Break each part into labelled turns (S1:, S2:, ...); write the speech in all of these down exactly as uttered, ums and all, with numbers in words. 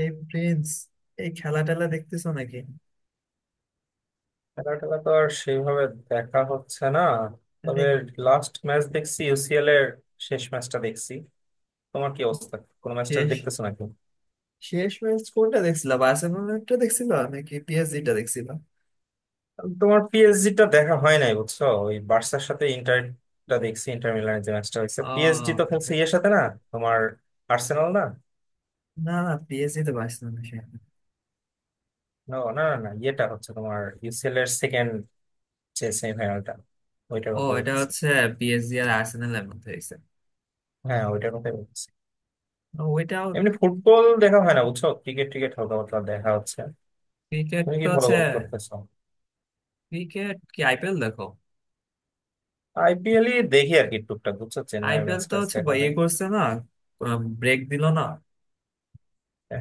S1: এই প্রিন্স, এই খেলা টেলা দেখতেছো নাকি?
S2: খেলা টেলা তো আর সেইভাবে দেখা হচ্ছে না,
S1: এটা
S2: তবে লাস্ট ম্যাচ দেখছি ইউসিএল এর শেষ ম্যাচটা দেখছি। তোমার কি অবস্থা? কোনো ম্যাচটা
S1: শেষ
S2: দেখতেছো নাকি?
S1: শেষ ম্যাচ কোনটা দেখছিলা, বার্সেলোনাটা দেখছিলা নাকি পিএসজি টা দেখছিলা?
S2: তোমার পিএসজি টা দেখা হয় নাই বুঝছো, ওই বার্সার সাথে ইন্টারটা দেখছি, ইন্টার মিলানের যে ম্যাচটা হয়েছে। পিএসজি
S1: আহ
S2: তো খেলছে ইয়ের সাথে না, তোমার আর্সেনাল না?
S1: না না, পিএসজি তো বার্সেলোনা সে।
S2: না না না না, ইয়েটা হচ্ছে তোমার ইউসিএল এর সেকেন্ড যে সেমিফাইনালটা, ওইটার
S1: ও,
S2: কথা
S1: এটা
S2: বলছি।
S1: হচ্ছে পিএসজি আর আর্সেনালের মধ্যে হয়েছে।
S2: হ্যাঁ, ওইটার কথাই বলছি।
S1: ওইটাও
S2: এমনি ফুটবল দেখা হয় না বুঝছো, ক্রিকেট ক্রিকেট হালকা পাতলা দেখা হচ্ছে।
S1: ক্রিকেট
S2: তুমি
S1: তো
S2: কি ফলো
S1: হচ্ছে।
S2: করতেছো?
S1: ক্রিকেট কি আইপিএল দেখো?
S2: আইপিএল ই দেখি আর কি, টুকটাক বুঝছো, চেন্নাইয়ের
S1: আইপিএল
S2: ম্যাচ
S1: তো
S2: ট্যাচ
S1: হচ্ছে
S2: দেখা
S1: ব- ইয়ে
S2: হয়।
S1: করছে না, ব্রেক দিলো না।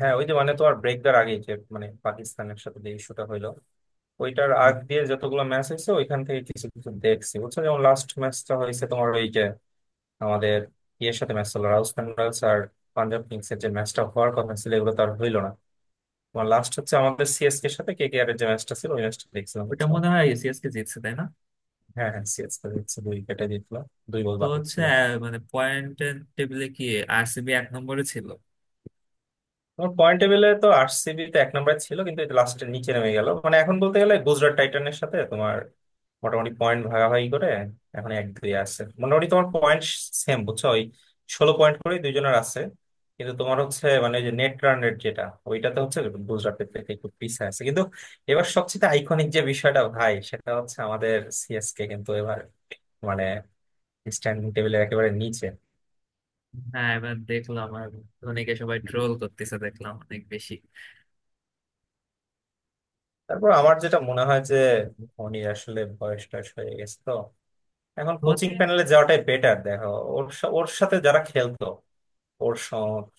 S2: হ্যাঁ ওই যে মানে তোমার ব্রেক দেওয়ার আগে যে মানে পাকিস্তানের সাথে যে ইস্যুটা হইলো, ওইটার আগ দিয়ে যতগুলো ম্যাচ হয়েছে ওইখান থেকে কিছু কিছু দেখছি বুঝছো। যেমন লাস্ট ম্যাচটা হয়েছে তোমার ওই যে আমাদের ইয়ের সাথে ম্যাচ হলো, রাজস্থান রয়্যালস আর পাঞ্জাব কিংস এর যে ম্যাচটা হওয়ার কথা ছিল, এগুলো তো আর হইলো না। তোমার লাস্ট হচ্ছে আমাদের সিএসকে এর সাথে কেকেআর এর যে ম্যাচটা ছিল, ওই ম্যাচটা দেখছিলাম
S1: ওটা
S2: বুঝছো।
S1: মনে হয় সিএসকে জিতছে, তাই না?
S2: হ্যাঁ হ্যাঁ, সিএসকে দেখছি দুই উইকেটে জিতলো, দুই বল
S1: তো
S2: বাকি
S1: হচ্ছে
S2: ছিল।
S1: আহ, মানে পয়েন্ট টেবিলে কি আরসিবি এক নম্বরে ছিল?
S2: তোমার পয়েন্ট টেবিলে তো আরসিবি তো এক নম্বরে ছিল, কিন্তু এটা লাস্টের নিচে নেমে গেল। মানে এখন বলতে গেলে গুজরাট টাইটানের সাথে তোমার মোটামুটি পয়েন্ট ভাগাভাগি করে, এখন এক দুই আছে। মোটামুটি তোমার পয়েন্ট সেম বুঝছো, ওই ষোলো পয়েন্ট করে দুইজনের আছে। কিন্তু তোমার হচ্ছে মানে যে নেট রান রেট যেটা, ওইটাতে হচ্ছে গুজরাটের থেকে একটু পিছিয়ে আছে। কিন্তু এবার সবচেয়ে আইকনিক যে বিষয়টা ভাই, সেটা হচ্ছে আমাদের সিএসকে কিন্তু এবার মানে স্ট্যান্ডিং টেবিলের একেবারে নিচে।
S1: হ্যাঁ, এবার দেখলাম আর ধোনিকে সবাই ট্রোল করতেছে দেখলাম অনেক বেশি।
S2: তারপর আমার যেটা মনে হয় যে ধোনির আসলে বয়স টয়স হয়ে গেছে তো, এখন কোচিং
S1: ধোনি
S2: প্যানেলে যাওয়াটাই বেটার দেখো। ওর সা- ওর সাথে যারা খেলতো, ওর স-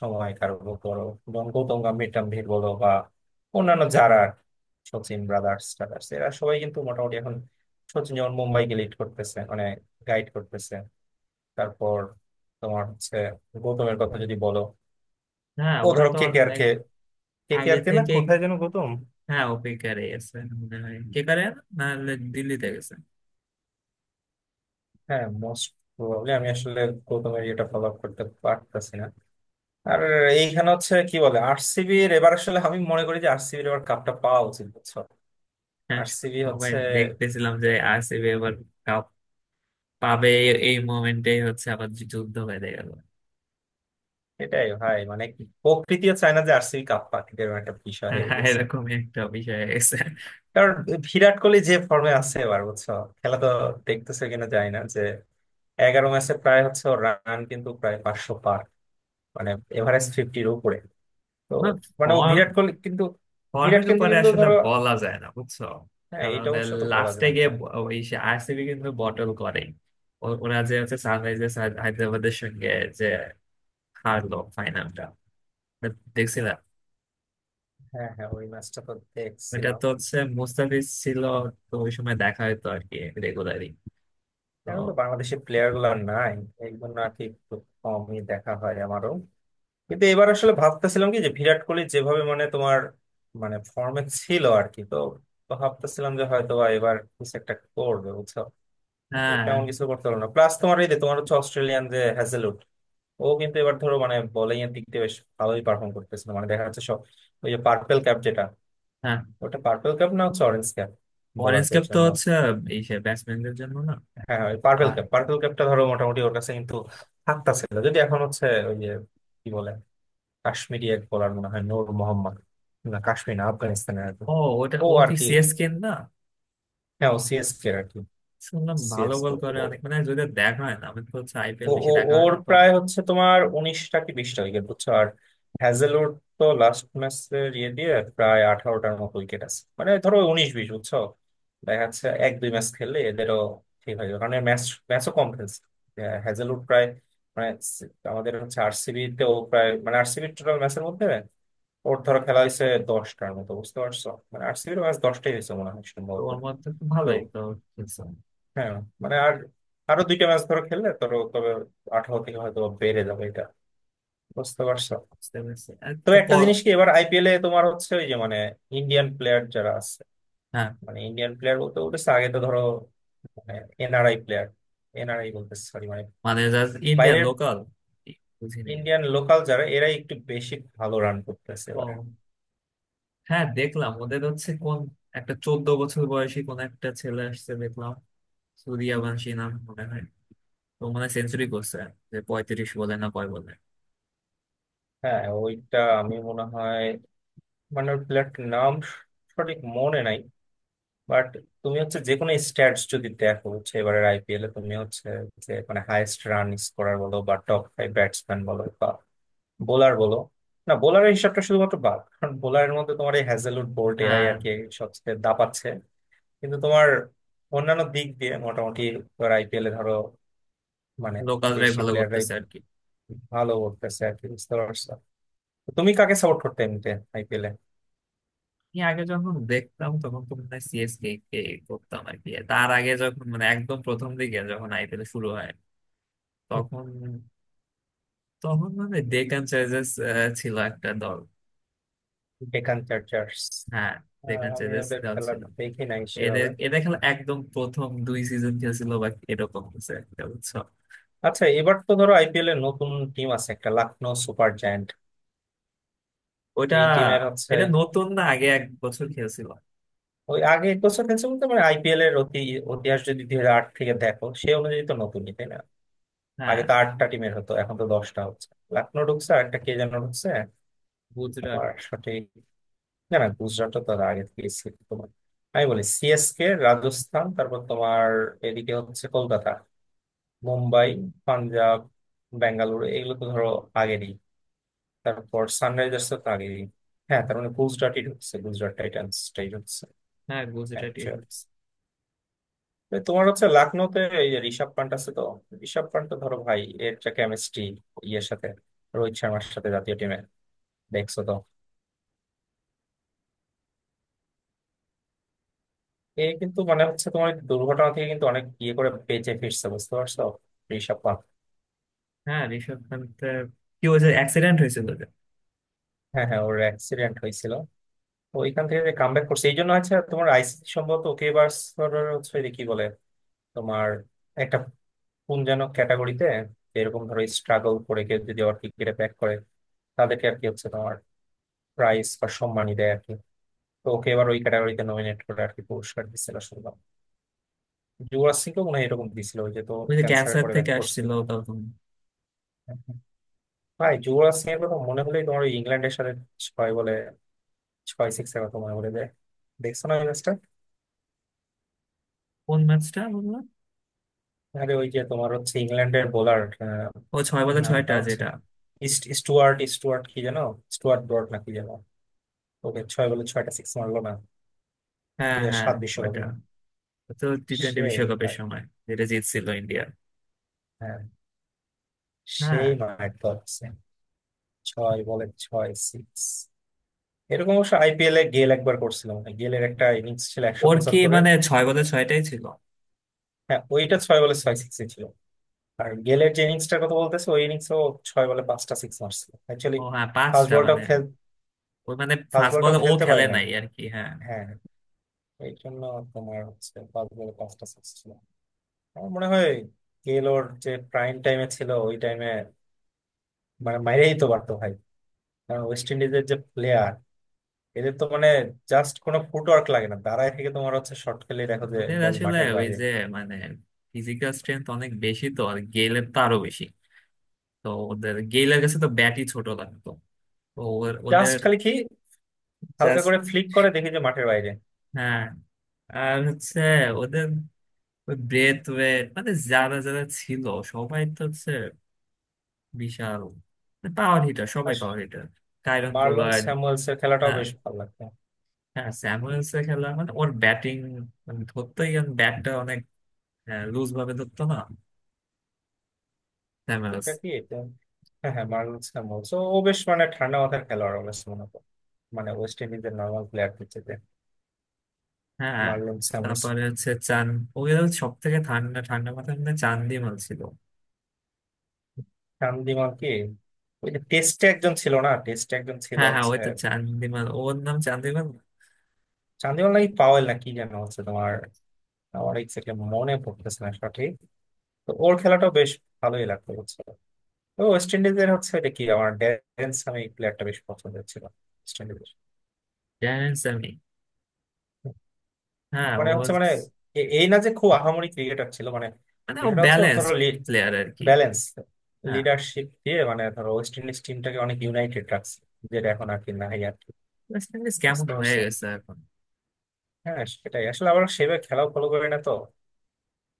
S2: সময় কারো বলো, গৌতম মিড টার্ম ভিড় বলো বা অন্যান্য যারা আর কি, সচিন ব্রাদার্স টাদার্স, এরা সবাই কিন্তু মোটামুটি এখন, সচিন যেমন মুম্বাইকে লিড করতেছে মানে গাইড করতেছে। তারপর তোমার হচ্ছে গৌতমের কথা যদি বলো,
S1: হ্যাঁ,
S2: ও
S1: ওরা
S2: ধরো
S1: তো
S2: কে কে আর
S1: অনেক
S2: কে, কে কে
S1: আগে
S2: আর কে না,
S1: থেকে।
S2: কোথায় যেন গৌতম।
S1: হ্যাঁ, ওপিকারে গেছে মনে হয় কে করে, নাহলে দিল্লিতে গেছে।
S2: হ্যাঁ, মোস্ট প্রবাবলি, আমি আসলে গৌতমের ইয়েটা ফলো আপ করতে পারতেছি না। আর এইখানে হচ্ছে কি বলে আরসিবি এর এবার, আসলে আমি মনে করি যে আরসিবি এবার কাপটা পাওয়া উচিত বুঝছো।
S1: হ্যাঁ,
S2: আরসিবি
S1: সবাই
S2: হচ্ছে,
S1: দেখতেছিলাম যে আরসিবি এবার কাপ পাবে। এই মোমেন্টেই হচ্ছে আবার যুদ্ধ বেঁধে গেল।
S2: এটাই ভাই মানে কি, প্রকৃতিও চায় না যে আরসিবি কাপ পাক, এরকম একটা বিষয় হয়ে
S1: হ্যাঁ,
S2: গেছে।
S1: এরকমই একটা বিষয় হয়ে গেছে।
S2: কারণ বিরাট কোহলি যে ফর্মে আছে এবার বুঝছো, খেলা তো দেখতেছে কিনা, যায় না যে এগারো ম্যাচে প্রায় হচ্ছে রান কিন্তু প্রায় পাঁচশো পার। মানে এভারেজ ফিফটির উপরে, তো মানে ও
S1: ফর্ম
S2: বিরাট কোহলি কিন্তু। বিরাট
S1: ফর্মের
S2: কিন্তু
S1: উপরে
S2: কিন্তু
S1: আসলে
S2: ধরো,
S1: বলা যায় না বুঝছো।
S2: হ্যাঁ
S1: কারণ
S2: এটা অবশ্য তো বলা
S1: লাস্টে
S2: যায়
S1: গিয়ে
S2: না।
S1: ব- ওই আরসিবি কিন্তু বটল করে। ওরা যে হচ্ছে সানরাইজার্স হায়দ্রাবাদের সঙ্গে যে হারলো, ফাইনালটা দেখছিলাম।
S2: হ্যাঁ হ্যাঁ, ওই ম্যাচটা তো
S1: এটা
S2: দেখছিলাম।
S1: তো হচ্ছে মুস্তাফিজ ছিল, তো ওই সময় দেখা হতো আর কি, রেগুলারই। তো
S2: এখন তো বাংলাদেশের প্লেয়ার গুলো আর নাই, এই জন্য আর কি একটু কমই দেখা হয় আমারও। কিন্তু এবার আসলে ভাবতেছিলাম কি, যে বিরাট কোহলি যেভাবে মানে তোমার মানে ফর্মে ছিল আর কি, তো তো ভাবতেছিলাম যে হয়তো বা এবার কিছু একটা করবে বুঝছো। তো
S1: হ্যাঁ,
S2: তেমন কিছু করতে পারলো না, প্লাস তোমার এই যে তোমার হচ্ছে অস্ট্রেলিয়ান যে হ্যাজেলউড, ও কিন্তু এবার ধরো মানে বোলিং এর দিক দিয়ে বেশ ভালোই পারফর্ম করতেছিল। মানে দেখা যাচ্ছে সব, ওই যে পার্পেল ক্যাপ যেটা।
S1: হ্যাঁ
S2: ওটা পার্পেল ক্যাপ না, হচ্ছে অরেঞ্জ ক্যাপ,
S1: অরেঞ্জ
S2: বোলারদের
S1: কাপ তো
S2: জন্য।
S1: হচ্ছে এই ব্যাটসম্যানদের জন্য না?
S2: হ্যাঁ হ্যাঁ, ওই পার্পেল
S1: আর
S2: ক্যাপ, পার্পেল ক্যাপটা ধরো মোটামুটি ওর কাছে কিন্তু হাতটা ছিল। যদি এখন হচ্ছে ওই যে কি বলে, কাশ্মীরি এক বলার, মনে হয় নূর মোহাম্মদ। না কাশ্মীর না, আফগানিস্তানের আর কি।
S1: ও, ওটা
S2: ও
S1: ও
S2: আর
S1: কি
S2: কি,
S1: সিএসকে না?
S2: হ্যাঁ ও সিএসকে আর কি।
S1: শুনলাম ভালো বল
S2: সিএসকে,
S1: করে অনেক, মানে যদি দেখা হয় না, আমি তো হচ্ছে আইপিএল
S2: ও
S1: বেশি
S2: ও-
S1: দেখা হয়
S2: ওর
S1: না তো।
S2: প্রায় হচ্ছে তোমার উনিশটা কি বিশটা উইকেট বুঝছো। আর হ্যাজেলউড তো লাস্ট ম্যাচের ইয়ে দিয়ে প্রায় আঠারোটার মতো উইকেট আছে, মানে ধরো উনিশ বিশ বুঝছো। দেখা যাচ্ছে এক দুই ম্যাচ খেললে এদেরও ঠিক হয়ে যাবে, কারণ ম্যাচ ম্যাচও কম খেলছে। আহ, হ্যাজেলউড প্রায় মানে সি- আমাদের হচ্ছে আরসিবি তেও প্রায়, মানে আরসিবি টোটাল ম্যাচের মধ্যে ওর ধরো খেলা হয়েছে দশটার মতো বুঝতে পারছো। মানে আরসিবির ম্যাচ দশটাই হয়েছে মনে হয়
S1: তো
S2: সম্ভবত।
S1: ওর মধ্যে তো ভালোই তো খেলছে।
S2: হ্যাঁ মানে, আর আরো দুইটা ম্যাচ ধরো খেললে ধরো, তবে আঠারো থেকে হয়তো বেড়ে যাবে এটা বুঝতে পারছো।
S1: বুঝতে পেরেছি আর
S2: তো
S1: তো
S2: একটা
S1: প-
S2: জিনিস কি, এবার আইপিএল এ তোমার হচ্ছে ওই যে মানে ইন্ডিয়ান প্লেয়ার যারা আছে,
S1: হ্যাঁ,
S2: মানে ইন্ডিয়ান প্লেয়ার বলতে বলতেছে আগে তো ধরো মানে এনআরআই প্লেয়ার। এনআরআই বলতেছে, সরি, মানে
S1: মানে জাস্ট ইন্ডিয়ান
S2: বাইরের।
S1: লোকাল বুঝি নেই।
S2: ইন্ডিয়ান লোকাল যারা, এরাই একটু বেশি ভালো রান করতেছে এবার।
S1: ও হ্যাঁ, দেখলাম ওদের হচ্ছে কোন একটা চোদ্দ বছর বয়সী কোন একটা ছেলে আসছে দেখলাম, সূর্যবংশী নাম মনে হয়। তো মনে হয় সেঞ্চুরি করছে, যে পঁয়ত্রিশ বলে না কয় বলে।
S2: হ্যাঁ ওইটা আমি মনে হয়, মানে প্লেয়ারটির নাম সঠিক মনে নাই। বাট তুমি হচ্ছে যে কোনো স্ট্যাটস যদি দেখো, হচ্ছে এবারের আইপিএল এ তুমি হচ্ছে যে মানে হাইয়েস্ট রান স্কোরার বলো বা টপ ফাইভ ব্যাটসম্যান বলো বা বোলার বলো, না বোলারের হিসাবটা শুধুমাত্র বাদ, কারণ বোলারের মধ্যে তোমার এই হ্যাজেলউড বোল্ট এরাই
S1: হ্যাঁ,
S2: আর কি সবচেয়ে দাপাচ্ছে। কিন্তু তোমার অন্যান্য দিক দিয়ে মোটামুটি তোমার আইপিএল এ ধরো মানে
S1: লোকালরাই
S2: দেশি
S1: ভালো
S2: প্লেয়াররাই
S1: করতেছে আর কি।
S2: ভালো করতেছে আর কি বুঝতে পারছো। তো তুমি কাকে সাপোর্ট করতে এমনিতে আইপিএল এ?
S1: আমি আগে যখন দেখতাম, তখন তো মনে হয় সিএসকে কে করতাম আর কি। তার আগে যখন, মানে একদম প্রথম দিকে যখন আইপিএল শুরু হয়, তখন, তখন মানে ডেকান চার্জার্স ছিল একটা দল।
S2: ডেকান চার্জার্স?
S1: হ্যাঁ,
S2: আহ,
S1: ডেকান
S2: আমি
S1: চার্জার্স
S2: ওদের
S1: দল
S2: খেলা
S1: ছিল।
S2: দেখি নাই
S1: এদের
S2: সেভাবে।
S1: এদের খেলা একদম প্রথম দুই সিজন খেলছিল বা এরকম কিছু একটা বুঝছো।
S2: আচ্ছা, এবার তো ধরো আইপিএল এর নতুন টিম আছে একটা, লখনৌ সুপার জায়ান্ট।
S1: ওটা
S2: এই টিমের হচ্ছে,
S1: এটা নতুন না, আগে এক বছর খেলছিল।
S2: ওই আগে বছর খেলছে বলতে মানে আইপিএল এর অতি ইতিহাস যদি দুই হাজার আট থেকে দেখো, সেই অনুযায়ী তো নতুনই তাই না? আগে
S1: হ্যাঁ,
S2: তো আটটা টিমের হতো, এখন তো দশটা হচ্ছে। লখনৌ ঢুকছে আর একটা কে যেন ঢুকছে,
S1: গুজরাট।
S2: আমার সঠিক। না না, গুজরাটও তো আগে থেকে ছিল তোমার, আমি বলি সিএসকে, রাজস্থান, তারপর তোমার এদিকে হচ্ছে কলকাতা, মুম্বাই, পাঞ্জাব, বেঙ্গালুরু, এগুলো তো ধরো আগেরই। তারপর সানরাইজার্স তো আগেই। হ্যাঁ, তার মানে গুজরাটই ঢুকছে, গুজরাট টাইটান্স টাই ঢুকছে।
S1: হ্যাঁ, গুজরাট
S2: অ্যাকচুয়ালি
S1: ইউনিটস।
S2: তোমার হচ্ছে লখনৌতে এই যে ঋষভ পান্ট আছে তো, ঋষভ পান্ট তো ধরো ভাই এর যে কেমিস্ট্রি ইয়ের সাথে রোহিত শর্মার সাথে জাতীয় টিমে দেখছো তো, এ কিন্তু মানে হচ্ছে তোমার এই দুর্ঘটনা থেকে কিন্তু অনেক ইয়ে করে বেঁচে ফিরছে বুঝতে পারছো, ঋষভ পান্ট।
S1: হ্যাঁ, ঋষভ পান্তের কি ওই যে অ্যাক্সিডেন্ট হয়েছিল যে।
S2: হ্যাঁ হ্যাঁ, ওর অ্যাক্সিডেন্ট হয়েছিল, ওইখান থেকে যে কামব্যাক করছে, এই জন্য হচ্ছে তোমার আইসিসি সম্ভবত ওকে এবার হচ্ছে যে কি বলে তোমার একটা কোন যেন ক্যাটাগরিতে, এরকম ধরো স্ট্রাগল করে কেউ যদি আবার ক্রিকেটে ব্যাক করে তাদেরকে আর কি হচ্ছে তোমার প্রাইজ বা সম্মানই দেয় আর কি, তো ওকে এবার ওই ক্যাটাগরিতে নমিনেট করে আর কি পুরস্কার দিচ্ছিল শুনলাম। যুবরাজ সিংকেও মনে হয় এরকম দিছিল, ওই যে তো
S1: ওই যে
S2: ক্যান্সার
S1: ক্যান্সার
S2: করে ব্যাক
S1: থেকে
S2: করছিল।
S1: আসছিল তখন।
S2: ভাই, যুবরাজ সিং এর কথা মনে হলেই তোমার ওই ইংল্যান্ডের সাথে ছয় বলে ছয় সিক্স এর কথা মনে পড়ে যায়। দেখছো না ওই ম্যাচটা,
S1: কোন ম্যাচটা বললাম?
S2: আরে ওই যে তোমার হচ্ছে ইংল্যান্ডের বোলার,
S1: ও, ছয় বলে
S2: নামটা
S1: ছয়টা
S2: হচ্ছে
S1: যেটা।
S2: ইস্ট স্টুয়ার্ট, স্টুয়ার্ট কি যেন, স্টুয়ার্ট ব্রড না কি যেন, ওকে ছয় বলে ছয়টা সিক্স মারলো না,
S1: হ্যাঁ
S2: দুই হাজার
S1: হ্যাঁ,
S2: সাত
S1: ওইটা
S2: বিশ্বকাপে।
S1: ও তো টি টোয়েন্টি
S2: সেই
S1: বিশ্বকাপের
S2: ভাই,
S1: সময়, যেটা জিতছিল ইন্ডিয়া।
S2: হ্যাঁ
S1: হ্যাঁ।
S2: সেই মাঠ ধরছে, ছয় বলে ছয় সিক্স। এরকম অবশ্য আইপিএল এ গেল একবার করছিলাম, মানে গেলের একটা ইনিংস ছিল একশো
S1: ওর কি
S2: পঁচাত্তরের
S1: মানে ছয় বলে ছয়টাই ছিল?
S2: হ্যাঁ ওইটা ছয় বলে ছয় সিক্স ছিল। আর গেলের যে ইনিংসটার কথা বলতেছে, ওই ইনিংসও ছয় বলে পাঁচটা সিক্স মারছিল অ্যাকচুয়ালি।
S1: ও হ্যাঁ,
S2: ফার্স্ট
S1: পাঁচটা
S2: বলটাও
S1: মানে
S2: খেল,
S1: ওই মানে
S2: ফার্স্ট
S1: ফার্স্ট
S2: বলটাও
S1: বলে ও
S2: খেলতে
S1: খেলে
S2: পারে নাই।
S1: নাই আর কি, হ্যাঁ।
S2: হ্যাঁ এই জন্য তোমার হচ্ছে ফার্স্ট বলে পাঁচটা সিক্স ছিল। আমার মনে হয় গেল ওর যে প্রাইম টাইমে ছিল ওই টাইমে মানে মাইরেই তো পারতো ভাই। কারণ ওয়েস্ট ইন্ডিজের যে প্লেয়ার, এদের তো মানে জাস্ট কোনো ফুটওয়ার্ক লাগে না, দাঁড়ায় থেকে তোমার হচ্ছে শর্ট খেলে দেখো যে
S1: ওদের
S2: বল
S1: আসলে
S2: মাঠের
S1: ওই
S2: বাইরে।
S1: যে মানে ফিজিক্যাল স্ট্রেংথ অনেক বেশি, তো আর গেইলের তো আরো বেশি। তো ওদের গেইলের কাছে তো ব্যাটই ছোট লাগতো। তো ওর-
S2: জাস্ট
S1: ওদের
S2: খালি কি হালকা
S1: জাস্ট।
S2: করে ফ্লিক করে দেখি যে মাঠের বাইরে।
S1: হ্যাঁ। আর হচ্ছে ওদের ওই ব্রেথ ওয়েট, মানে যারা যারা ছিল সবাই তো হচ্ছে বিশাল পাওয়ার হিটার, সবাই
S2: আর
S1: power hitter. Kieron
S2: Marlon
S1: Pollard.
S2: Samuels এর খেলাটাও
S1: হ্যাঁ
S2: বেশ ভালো লাগতো।
S1: হ্যাঁ, স্যামুয়েলস এর খেলা মানে ওর ব্যাটিং মানে ধরতেই, কারণ ব্যাটটা অনেক লুজ ভাবে ধরতো না স্যামুয়েলস।
S2: এটা কি এটা, হ্যাঁ হ্যাঁ মার্লন স্যামুয়েলস, ও ও বেশ মানে ঠান্ডা মাথার খেলোয়াড়, ও বেশ মনে করো মানে ওয়েস্ট ইন্ডিজের নর্মাল প্লেয়ারদের চেয়ে,
S1: হ্যাঁ,
S2: মার্লন স্যামুয়েলস।
S1: তারপরে হচ্ছে চান ওই সব থেকে ঠান্ডা ঠান্ডা মাথায় মানে চান্দিমাল ছিল।
S2: চান্দিমাল কি ওই যে টেস্টে একজন ছিল না, টেস্টে একজন ছিল
S1: হ্যাঁ হ্যাঁ, ওই
S2: হচ্ছে,
S1: তো চান্দিমাল, ওর নাম চান্দিমাল।
S2: চান্দিমাল নাকি পাওয়েল না কি যেন হচ্ছে তোমার, আমার এক্স্যাক্টলি মনে পড়তেছে না সঠিক। তো ওর খেলাটাও বেশ ভালোই লাগতো বুঝছো। তো ওয়েস্ট ইন্ডিজের হচ্ছে এটা কি আমার ড্যারেন সামি প্লেয়ারটা বেশ পছন্দের ছিল, ওয়েস্ট ইন্ডিজের।
S1: জানেন আমি, হ্যাঁ,
S2: মানে
S1: ও
S2: হচ্ছে মানে এ- এই না যে খুব আহামরি ক্রিকেটার ছিল, মানে
S1: মানে ও
S2: বিষয়টা হচ্ছে ওর
S1: ব্যালেন্স
S2: ধরো লিড,
S1: প্লেয়ার আর কি।
S2: ব্যালেন্স,
S1: হ্যাঁ,
S2: লিডারশিপ দিয়ে মানে ধরো ওয়েস্ট ইন্ডিজ টিমটাকে অনেক ইউনাইটেড রাখছে, যেটা এখন আর কি নাই আর কি,
S1: ওয়েস্ট ইন্ডিজ কেমন
S2: বুঝতে
S1: হয়ে
S2: পারছো।
S1: গেছে এখন।
S2: হ্যাঁ, সেটাই আসলে, আবার সেভাবে খেলাও ফলো করি না তো,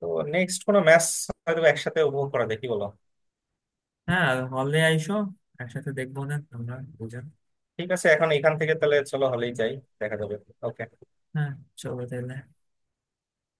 S2: তো নেক্সট কোনো ম্যাচ হয়তো একসাথে উপভোগ করা দেখি, বলো।
S1: হ্যাঁ, হলে আইসো, একসাথে দেখবো না আমরা দুজন।
S2: ঠিক আছে, এখন এখান থেকে তাহলে চলো হলেই যাই, দেখা যাবে। ওকে।
S1: হ্যাঁ, চলো তাহলে।